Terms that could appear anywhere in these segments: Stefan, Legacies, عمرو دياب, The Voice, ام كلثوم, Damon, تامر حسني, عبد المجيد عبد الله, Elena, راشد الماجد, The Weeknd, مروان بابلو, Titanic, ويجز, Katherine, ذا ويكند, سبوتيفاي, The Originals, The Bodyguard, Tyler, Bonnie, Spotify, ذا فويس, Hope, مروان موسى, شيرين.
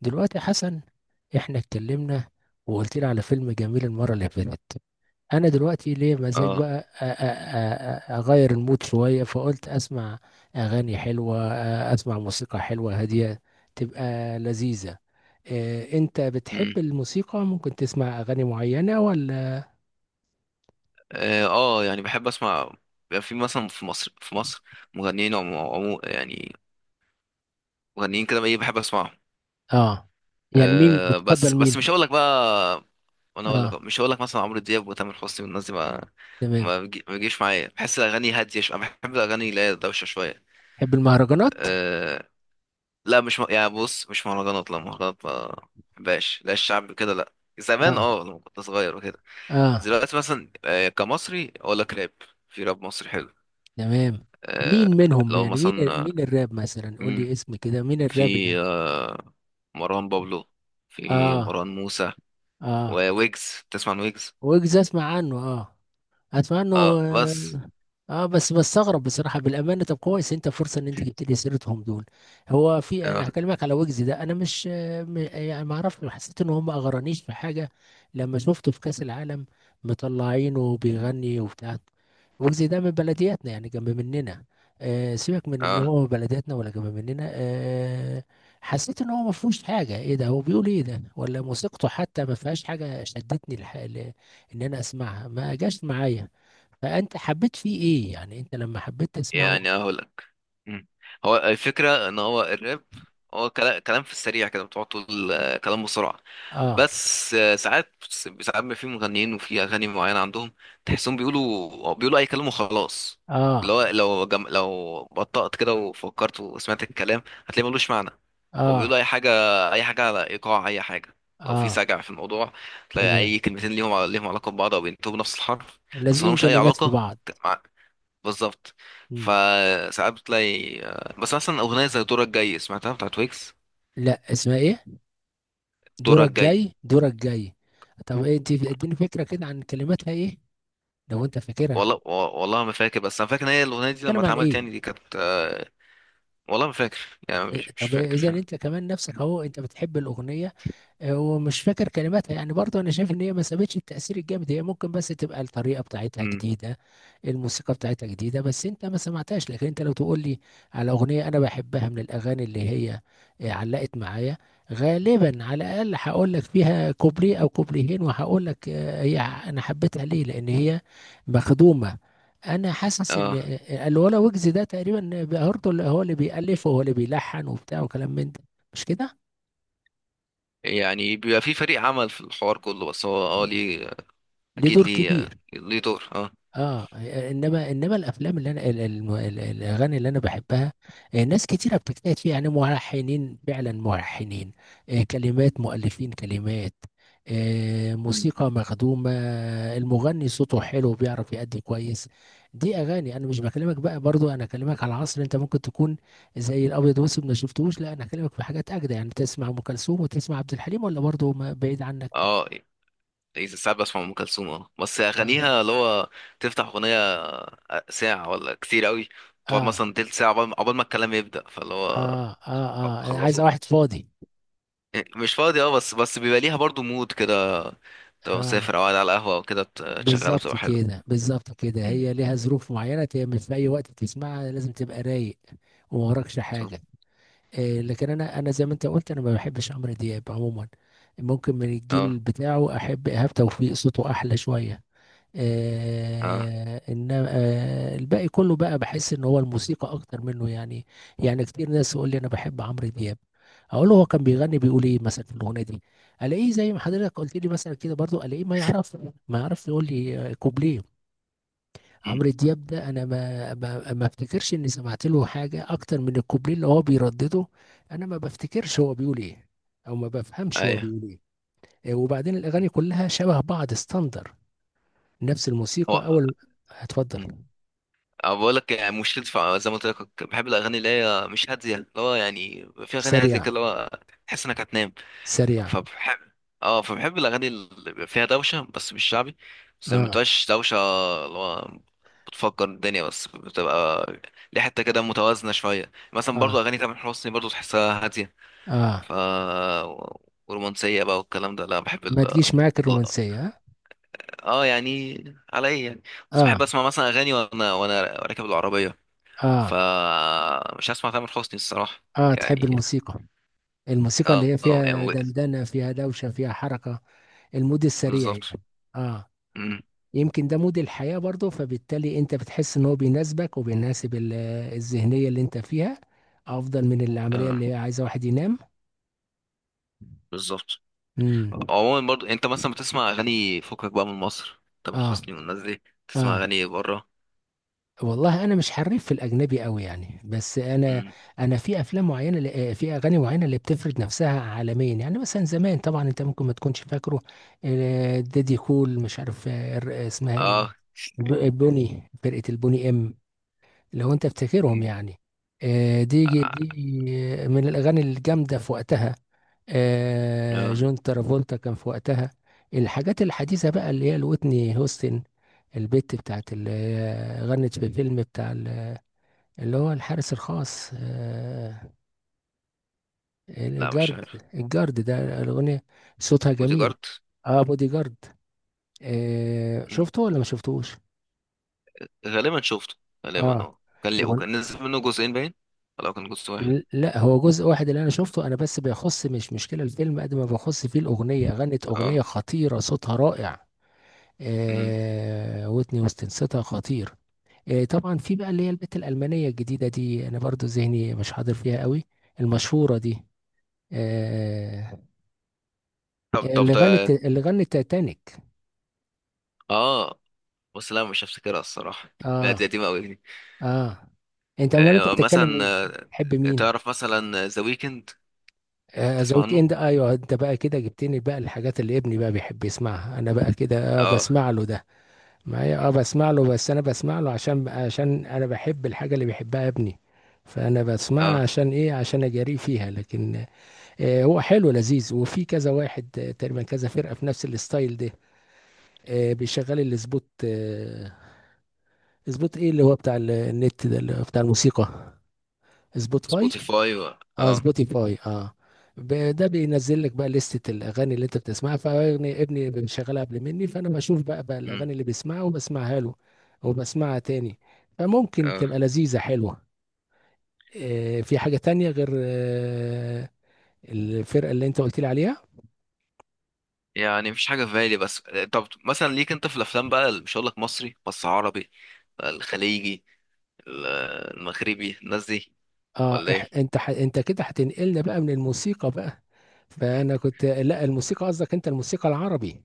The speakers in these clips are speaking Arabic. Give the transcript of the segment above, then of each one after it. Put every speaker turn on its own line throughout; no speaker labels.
دلوقتي حسن، احنا اتكلمنا وقلت لي على فيلم جميل المرة اللي فاتت. انا دلوقتي ليه مزاج
اه.
بقى اغير المود شوية، فقلت اسمع اغاني حلوة، اسمع موسيقى حلوة هادية تبقى لذيذة. إيه، انت
امم
بتحب الموسيقى؟ ممكن تسمع اغاني معينة ولا؟
يعني بحب اسمع. بيبقى في مثلا في مصر مغنيين، عمو، يعني مغنيين كده، ايه، بحب اسمعهم.
اه. يعني مين بتفضل؟
بس
مين؟
مش هقول لك بقى. انا اقول لك
اه.
مش هقول لك، مثلا عمرو دياب وتامر حسني والناس دي
تمام.
ما بيجيش معايا. بحس الاغاني هاديه شويه، أنا بحب الاغاني اللي هي دوشه شويه.
تحب المهرجانات؟
آه. لا مش م... يعني بص، مش مهرجانات، لا، مهرجانات ما بحبهاش، لا الشعب كده لا. زمان،
اه.
لما كنت صغير وكده.
اه.
دلوقتي مثلا، كمصري اقول لك راب. في راب مصري حلو.
تمام.
آه،
مين منهم؟
لو
يعني مين؟
مثلا آه،
مين الراب مثلا؟ قول
مم،
لي اسم كده، مين
في
الراب اللي…
آه، مروان بابلو، في
اه.
مروان موسى
اه.
وويجز. تسمع عن ويجز؟
ويجز اسمع عنه، اه. اتمنى انه،
اه بس.
اه. بس بستغرب بصراحه بالامانه. طب كويس انت، فرصه ان انت جبت لي سيرتهم دول. هو في،
اه
انا هكلمك على ويجز ده، انا مش يعني ما اعرفش، حسيت ان هم ما اغرانيش في حاجه. لما شفته في كاس العالم، مطلعينه بيغني وبتاع. ويجز ده من بلدياتنا يعني، جنب مننا. سيبك من ان
اه،
هو بلدياتنا ولا جنب مننا، حسيت ان هو ما فيهوش حاجه، ايه ده؟ هو بيقول ايه ده؟ ولا موسيقته حتى ما فيهاش حاجه شدتني ان انا اسمعها، ما جاش معايا. فانت حبيت فيه ايه يعني انت لما حبيت تسمعه؟
يعني اقول لك. مم. هو الفكره ان هو الراب، هو كلام في السريع كده، بتقعد تقول، كلام بسرعه.
اه.
بس، ساعات، ساعات ما في مغنيين وفي اغاني معينه عندهم تحسهم بيقولوا اي كلام وخلاص. اللي
اه.
هو، لو بطأت كده وفكرت وسمعت الكلام هتلاقي ملوش معنى. هو بيقولوا
اه.
اي حاجه، اي حاجه على ايقاع اي حاجه. لو في
اه.
سجع في الموضوع تلاقي
تمام.
اي كلمتين ليهم علاقه ببعض او بينتهوا بنفس الحرف. بس
لازقين
ملهمش اي
كلمات في
علاقه.
بعض.
بالظبط.
مم.
فساعات بتلاقي، بس مثلا اغنيه زي دورك جاي سمعتها بتاعت ويكس.
لا، اسمها ايه؟
دورك
دورك
جاي.
جاي؟ دورك جاي. طب ايه، انت اديني فكرة كده عن كلماتها ايه لو انت فاكرها.
والله والله ما فاكر، بس انا فاكر ان هي الاغنيه دي لما
بتتكلم عن
اتعملت
ايه؟
يعني دي كانت، والله ما فاكر. يعني مش
طب
فاكر
اذا
فاهم.
انت كمان نفسك اهو، انت بتحب الاغنية ومش فاكر كلماتها، يعني برضه انا شايف ان هي ما سابتش التأثير الجامد. هي ممكن بس تبقى الطريقة بتاعتها
امم
جديدة، الموسيقى بتاعتها جديدة بس انت ما سمعتهاش. لكن انت لو تقول لي على اغنية انا بحبها من الاغاني اللي هي علقت معايا، غالبا على الاقل هقول لك فيها كوبليه او كوبليهين، وهقول لك هي انا حبيتها ليه لان هي مخدومة. انا حاسس ان
اه،
الولا ويجز ده تقريبا برضه اللي هو اللي بيألف وهو اللي بيلحن وبتاع وكلام من ده، مش كده؟
يعني بيبقى في فريق عمل في الحوار كله بس هو، اه ليه.
ليه
اكيد
دور
ليه
كبير،
ليه دور، اه.
اه. انما الافلام اللي انا الاغاني اللي انا بحبها، ناس كتيره بتجتهد فيها يعني ملحنين فعلا ملحنين، كلمات مؤلفين كلمات،
أمم.
موسيقى مخدومه. المغني صوته حلو، بيعرف يأدي كويس. دي اغاني انا مش بكلمك بقى، برضو انا اكلمك على عصر انت ممكن تكون زي الابيض واسود ما شفتوش. لا انا اكلمك في حاجات اجدى، يعني تسمع ام كلثوم وتسمع عبد الحليم، ولا برضو بعيد عنك؟
اه، إذا ساعات بسمع ام كلثوم، اه، بس
اه.
اغانيها اللي هو تفتح اغنيه، ساعه ولا كتير قوي، تقعد
اه.
مثلا تلت ساعه عقبال ما الكلام يبدا، فاللي هو
اه. عايز
خلصوا.
واحد فاضي.
إيه، مش فاضي، اه، بس بيبقى ليها برضو مود كده، تبقى
اه.
مسافر او قاعد على القهوة او كده، تشغلها
بالظبط
بتبقى حلوة.
كده، بالظبط كده.
مم.
هي ليها ظروف معينه، مش في اي وقت تسمعها، لازم تبقى رايق وما وراكش
صح.
حاجه. لكن انا زي ما انت قلت، انا ما بحبش عمرو دياب عموما. ممكن من
اه
الجيل بتاعه احب ايهاب توفيق، صوته احلى شويه.
اه.
انما الباقي كله بقى بحس ان هو الموسيقى اكتر منه يعني. يعني كتير ناس يقول لي انا بحب عمرو دياب. اقول له هو كان بيغني بيقول ايه مثلا في الاغنيه دي؟ الاقيه زي ما حضرتك قلت لي مثلا كده برضو، الاقيه ما يعرف يقول لي كوبليه.
مم.
عمرو دياب ده انا ما افتكرش اني سمعت له حاجه اكتر من الكوبليه اللي هو بيردده. انا ما بفتكرش هو بيقول ايه، او ما بفهمش هو
ايوه.
بيقول ايه. وبعدين الاغاني كلها شبه بعض ستاندر. نفس
هو.
الموسيقى اول. هتفضل.
مم. أه بقول لك، يعني زي ما قلت لك بحب الاغاني اللي هي مش هاديه، اللي هو يعني في اغاني هاديه
سريع.
كده اللي هو تحس انك هتنام.
سريع.
فبحب اه فبحب الاغاني اللي بيبقى فيها دوشه بس مش شعبي، بس ما
اه.
بتبقاش دوشه اللي هو بتفكر الدنيا، بس بتبقى ليه حته كده متوازنه شويه. مثلا
اه.
برضو اغاني تامر حسني برضو تحسها هاديه،
اه.
ف ورومانسيه بقى والكلام ده. لا، بحب
ما تجيش معاك
لا.
الرومانسية؟
اه يعني، على ايه يعني؟ بس
اه.
بحب اسمع مثلا اغاني وانا راكب العربيه،
اه.
فمش هسمع تامر حسني الصراحه.
تحب
يعني
الموسيقى، الموسيقى اللي هي
يعني
فيها دندنة، فيها دوشة، فيها حركة، المود السريع
بالظبط.
يعني. اه.
مم.
يمكن ده مود الحياة برضه، فبالتالي انت بتحس ان هو بيناسبك وبيناسب الذهنية اللي انت فيها، افضل من العملية
اه
اللي هي عايزة واحد ينام.
بالظبط.
امم.
عموما برضو، انت مثلا بتسمع اغاني فكك بقى من مصر، تامر
اه.
حسني والناس دي، بتسمع
اه.
اغاني بره؟
والله انا مش حريف في الاجنبي قوي يعني. بس انا
مم.
انا في افلام معينه، في اغاني معينه اللي بتفرض نفسها عالميا يعني. مثلا زمان طبعا انت ممكن ما تكونش فاكره، دادي كول، مش عارف اسمها
اه.
ايه، البوني، فرقه البوني، ام، لو انت بتفتكرهم
مم.
يعني.
اه.
دي من الاغاني الجامده في وقتها.
آه.
جون ترافولتا كان في وقتها. الحاجات الحديثه بقى اللي هي الوتني هوستن، البت بتاعت اللي هي غنت في فيلم بتاع اللي هو الحارس الخاص،
لا مش
الجارد.
عارف.
الجارد ده الاغنيه، صوتها جميل.
بوديجارد.
اه، بودي جارد.
مم.
شفته ولا ما شفتوش؟
غالبا شفته، غالبا،
اه.
اه، كان لي وكان نزل منه جزئين باين، ولا كان جزء واحد؟
لا هو جزء واحد اللي انا شفته انا. بس بيخص، مش مشكله الفيلم قد ما بيخص فيه الاغنيه، غنت اغنيه
اه.
خطيره صوتها رائع.
مم.
ويتني هيوستن صوتها خطير. طبعا في بقى اللي هي البت الالمانيه الجديده دي، انا برضو ذهني مش حاضر فيها قوي، المشهوره دي، آه
طب طب
اللي غنت
طب-
اللي غنت تايتانيك.
اه بس، لا مش هفتكرها الصراحه. لا
اه.
دي قديمه قوي دي.
اه. انت امال انت بتتكلم
مثلا،
مين؟ تحب مين؟
تعرف مثلا ذا ويكند؟
ذا
تسمع
ويك
عنه.
اند. ايوه، انت بقى كده جبتني بقى الحاجات اللي ابني بقى بيحب يسمعها، انا بقى كده
اه.
بسمع له ده. ما هي اه
مم.
بسمع له، بس انا بسمع له عشان انا بحب الحاجه اللي بيحبها ابني. فانا بسمعها
اه
عشان ايه؟ عشان اجاريه فيها لكن، هو حلو لذيذ، وفي كذا واحد تقريبا كذا فرقه في نفس الستايل ده. بيشغل الاسبوت، اسبوت ايه اللي هو بتاع النت ده اللي هو بتاع الموسيقى، سبوتيفاي.
سبوتيفاي
اه
اه.
سبوتيفاي اه. ده بينزل لك بقى لستة الاغاني اللي انت بتسمعها، فابني بيشغلها قبل مني، فانا بشوف بقى
مم.
الاغاني اللي بيسمعها وبسمعها له وبسمعها تاني، فممكن تبقى
اه،
لذيذة حلوة. في حاجة تانية غير الفرقة اللي انت قلت لي عليها؟
يعني مفيش حاجة في بالي بس. طب مثلا ليك انت في الافلام بقى مش هقول لك مصري بس عربي، الخليجي، ال- المغربي، الناس دي،
اه.
ولا
إح
ايه؟
انت ح انت كده هتنقلنا بقى من الموسيقى بقى؟ فانا كنت لا، الموسيقى قصدك، انت الموسيقى العربي.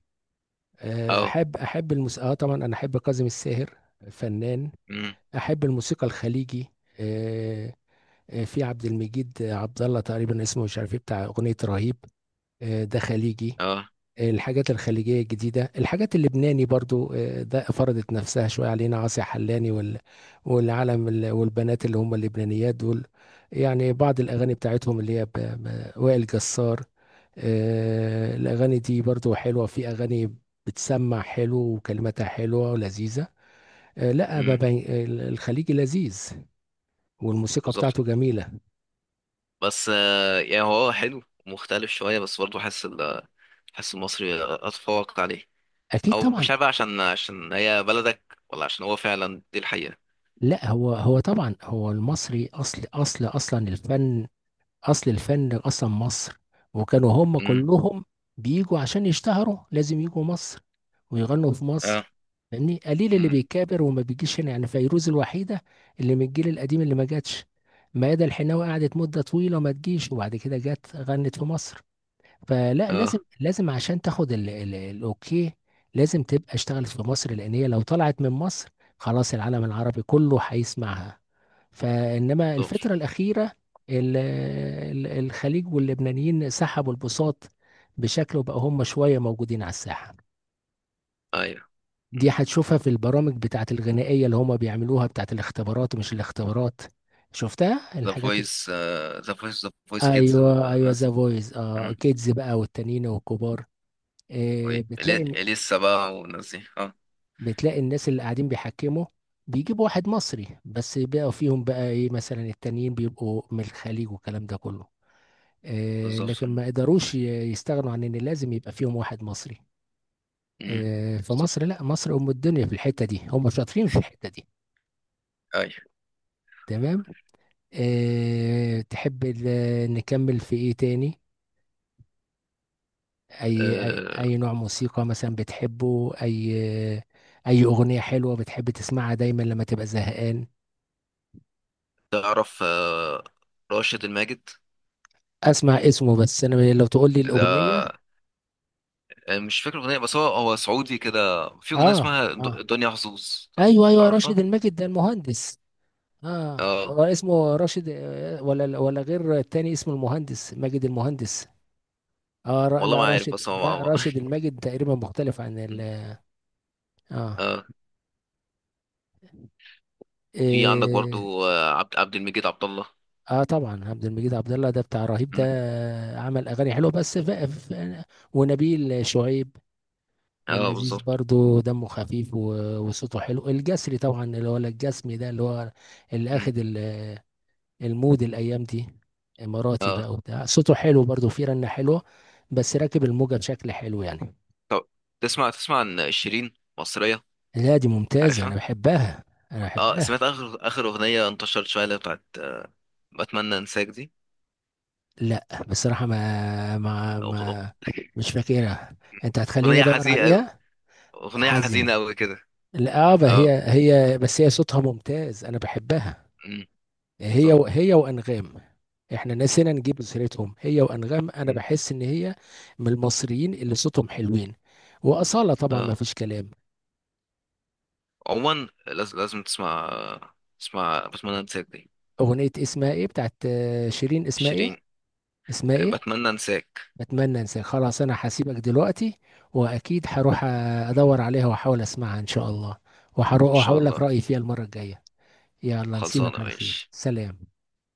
اه.
احب الموسيقى اه. طبعا انا احب كاظم الساهر، فنان.
امم
احب الموسيقى الخليجي، آه، في عبد المجيد عبد الله تقريبا اسمه، مش عارف ايه، بتاع اغنيه رهيب. ده خليجي.
اه.
الحاجات الخليجيه الجديده، الحاجات اللبناني برضو، ده فرضت نفسها شويه علينا، عاصي حلاني والعالم والبنات اللي هم اللبنانيات دول. يعني بعض الاغاني بتاعتهم اللي هي وائل جسار. الاغاني دي برضو حلوه، في اغاني بتسمع حلو وكلماتها حلوه ولذيذه. لا
امم
بابا، الخليجي لذيذ والموسيقى
بالظبط.
بتاعته جميلة.
بس، يعني هو حلو مختلف شوية، بس برضه حاسس حاسس المصري اتفوق عليه،
أكيد
او
طبعا.
مش عارف بقى، عشان هي بلدك، ولا عشان هو فعلا دي الحقيقة.
لا، هو طبعا هو المصري، أصل أصلا الفن. أصل الفن أصلا مصر. وكانوا هم
امم
كلهم بيجوا عشان يشتهروا، لازم يجوا مصر ويغنوا في مصر.
اه.
يعني قليل اللي
امم
بيكابر وما بيجيش هنا. يعني فيروز الوحيدة اللي من الجيل القديم اللي ما جاتش. ميادة الحناوي قعدت مدة طويلة ما تجيش، وبعد كده جت غنت في مصر. فلا، لازم
اه.
لازم عشان تاخد ال الاوكي، لازم تبقى اشتغلت في مصر. لان هي لو طلعت من مصر، خلاص العالم العربي كله هيسمعها. فانما
دور.
الفترة الأخيرة، ال- الخليج واللبنانيين سحبوا البساط بشكل، وبقى هم شوية موجودين على الساحة.
ايوه،
دي هتشوفها في البرامج بتاعت الغنائية اللي هم بيعملوها، بتاعت الاختبارات، مش الاختبارات. شفتها
ذا
الحاجات
فويس ذا فويس كيدز
ايوه
ولا
ايوه،
الناس
ذا
دي؟
فويس، اه كيدز بقى والتانيين والكبار. آه، بتلاقي
ولسه بقى والناس دي اه.
بتلاقي الناس اللي قاعدين بيحكموا، بيجيبوا واحد مصري بس بقى فيهم، بقى ايه مثلا التانيين بيبقوا من الخليج والكلام ده كله.
بالظبط.
لكن ما قدروش يستغنوا عن ان لازم يبقى فيهم واحد مصري.
مم.
فمصر،
بالظبط.
لا مصر ام الدنيا، في الحتة دي هم شاطرين في الحتة دي.
ايوه.
تمام. تحب نكمل في ايه تاني؟ اي اي
أه،
أي نوع موسيقى مثلا بتحبه؟ اي اغنية حلوة بتحب تسمعها دايما لما تبقى زهقان؟
تعرف، راشد الماجد
اسمع اسمه، بس انا لو تقول لي
ده،
الاغنيه.
مش فاكر اغنيه، بس هو سعودي كده، في اغنيه
اه.
اسمها
اه.
دنيا حظوظ.
ايوه ايوه،
تعرفها؟
راشد الماجد ده المهندس؟ اه.
اه.
هو اسمه راشد ولا غير، التاني اسمه المهندس، ماجد المهندس.
والله ما
لا
عارف
راشد،
بس هو
لا راشد الماجد تقريبا مختلف عن
مم.
ال. اه.
اه. وفي عندك
إيه.
برضو، عبد المجيد عبد الله.
اه، طبعا عبد المجيد عبد الله ده بتاع رهيب ده،
مم.
عمل اغاني حلوه بس ونبيل شعيب
اه
اللذيذ
بالظبط.
برضو، دمه خفيف وصوته حلو. الجسري طبعا اللي هو الجسمي ده، اللي هو اللي اخد
مم.
المود الايام دي. اماراتي
اه
بقى وبتاع، صوته حلو برضو فيه رنة حلوة، بس راكب الموجة بشكل حلو يعني.
طب، تسمع عن شيرين مصريه؟
لا دي ممتازة انا
عارفها.
بحبها. انا
اه.
بحبها.
سمعت اخر اغنيه انتشرت شويه اللي هي بتاعت بتمنى انساك دي؟
لا بصراحة ما ما
أغ- أغ-
ما مش فاكرها، انت هتخليني
اغنيه
ادور
حزينه أوي.
عليها.
اغنيه حزينه
حزين؟
قوي كده.
لا
اه.
هي بس هي صوتها ممتاز، انا بحبها.
أمم، بالظبط.
هي وانغام. احنا نسينا نجيب سيرتهم هي وانغام. انا
أمم،
بحس ان هي من المصريين اللي صوتهم حلوين، واصاله طبعا ما
اه.
فيش كلام.
عموما لازم تسمع، بتمنى انساك دي.
اغنيه اسمها ايه بتاعت شيرين؟ اسمها ايه؟
شيرين،
اسمها ايه؟
بتمنى انساك.
اتمنى انساك. خلاص انا هسيبك دلوقتي، واكيد هروح ادور عليها واحاول اسمعها ان شاء الله،
ان
وهروح
شاء
اقول لك
الله.
رايي فيها المره الجايه. يلا
خلصانه
نسيبك على خير.
ماشي.
سلام.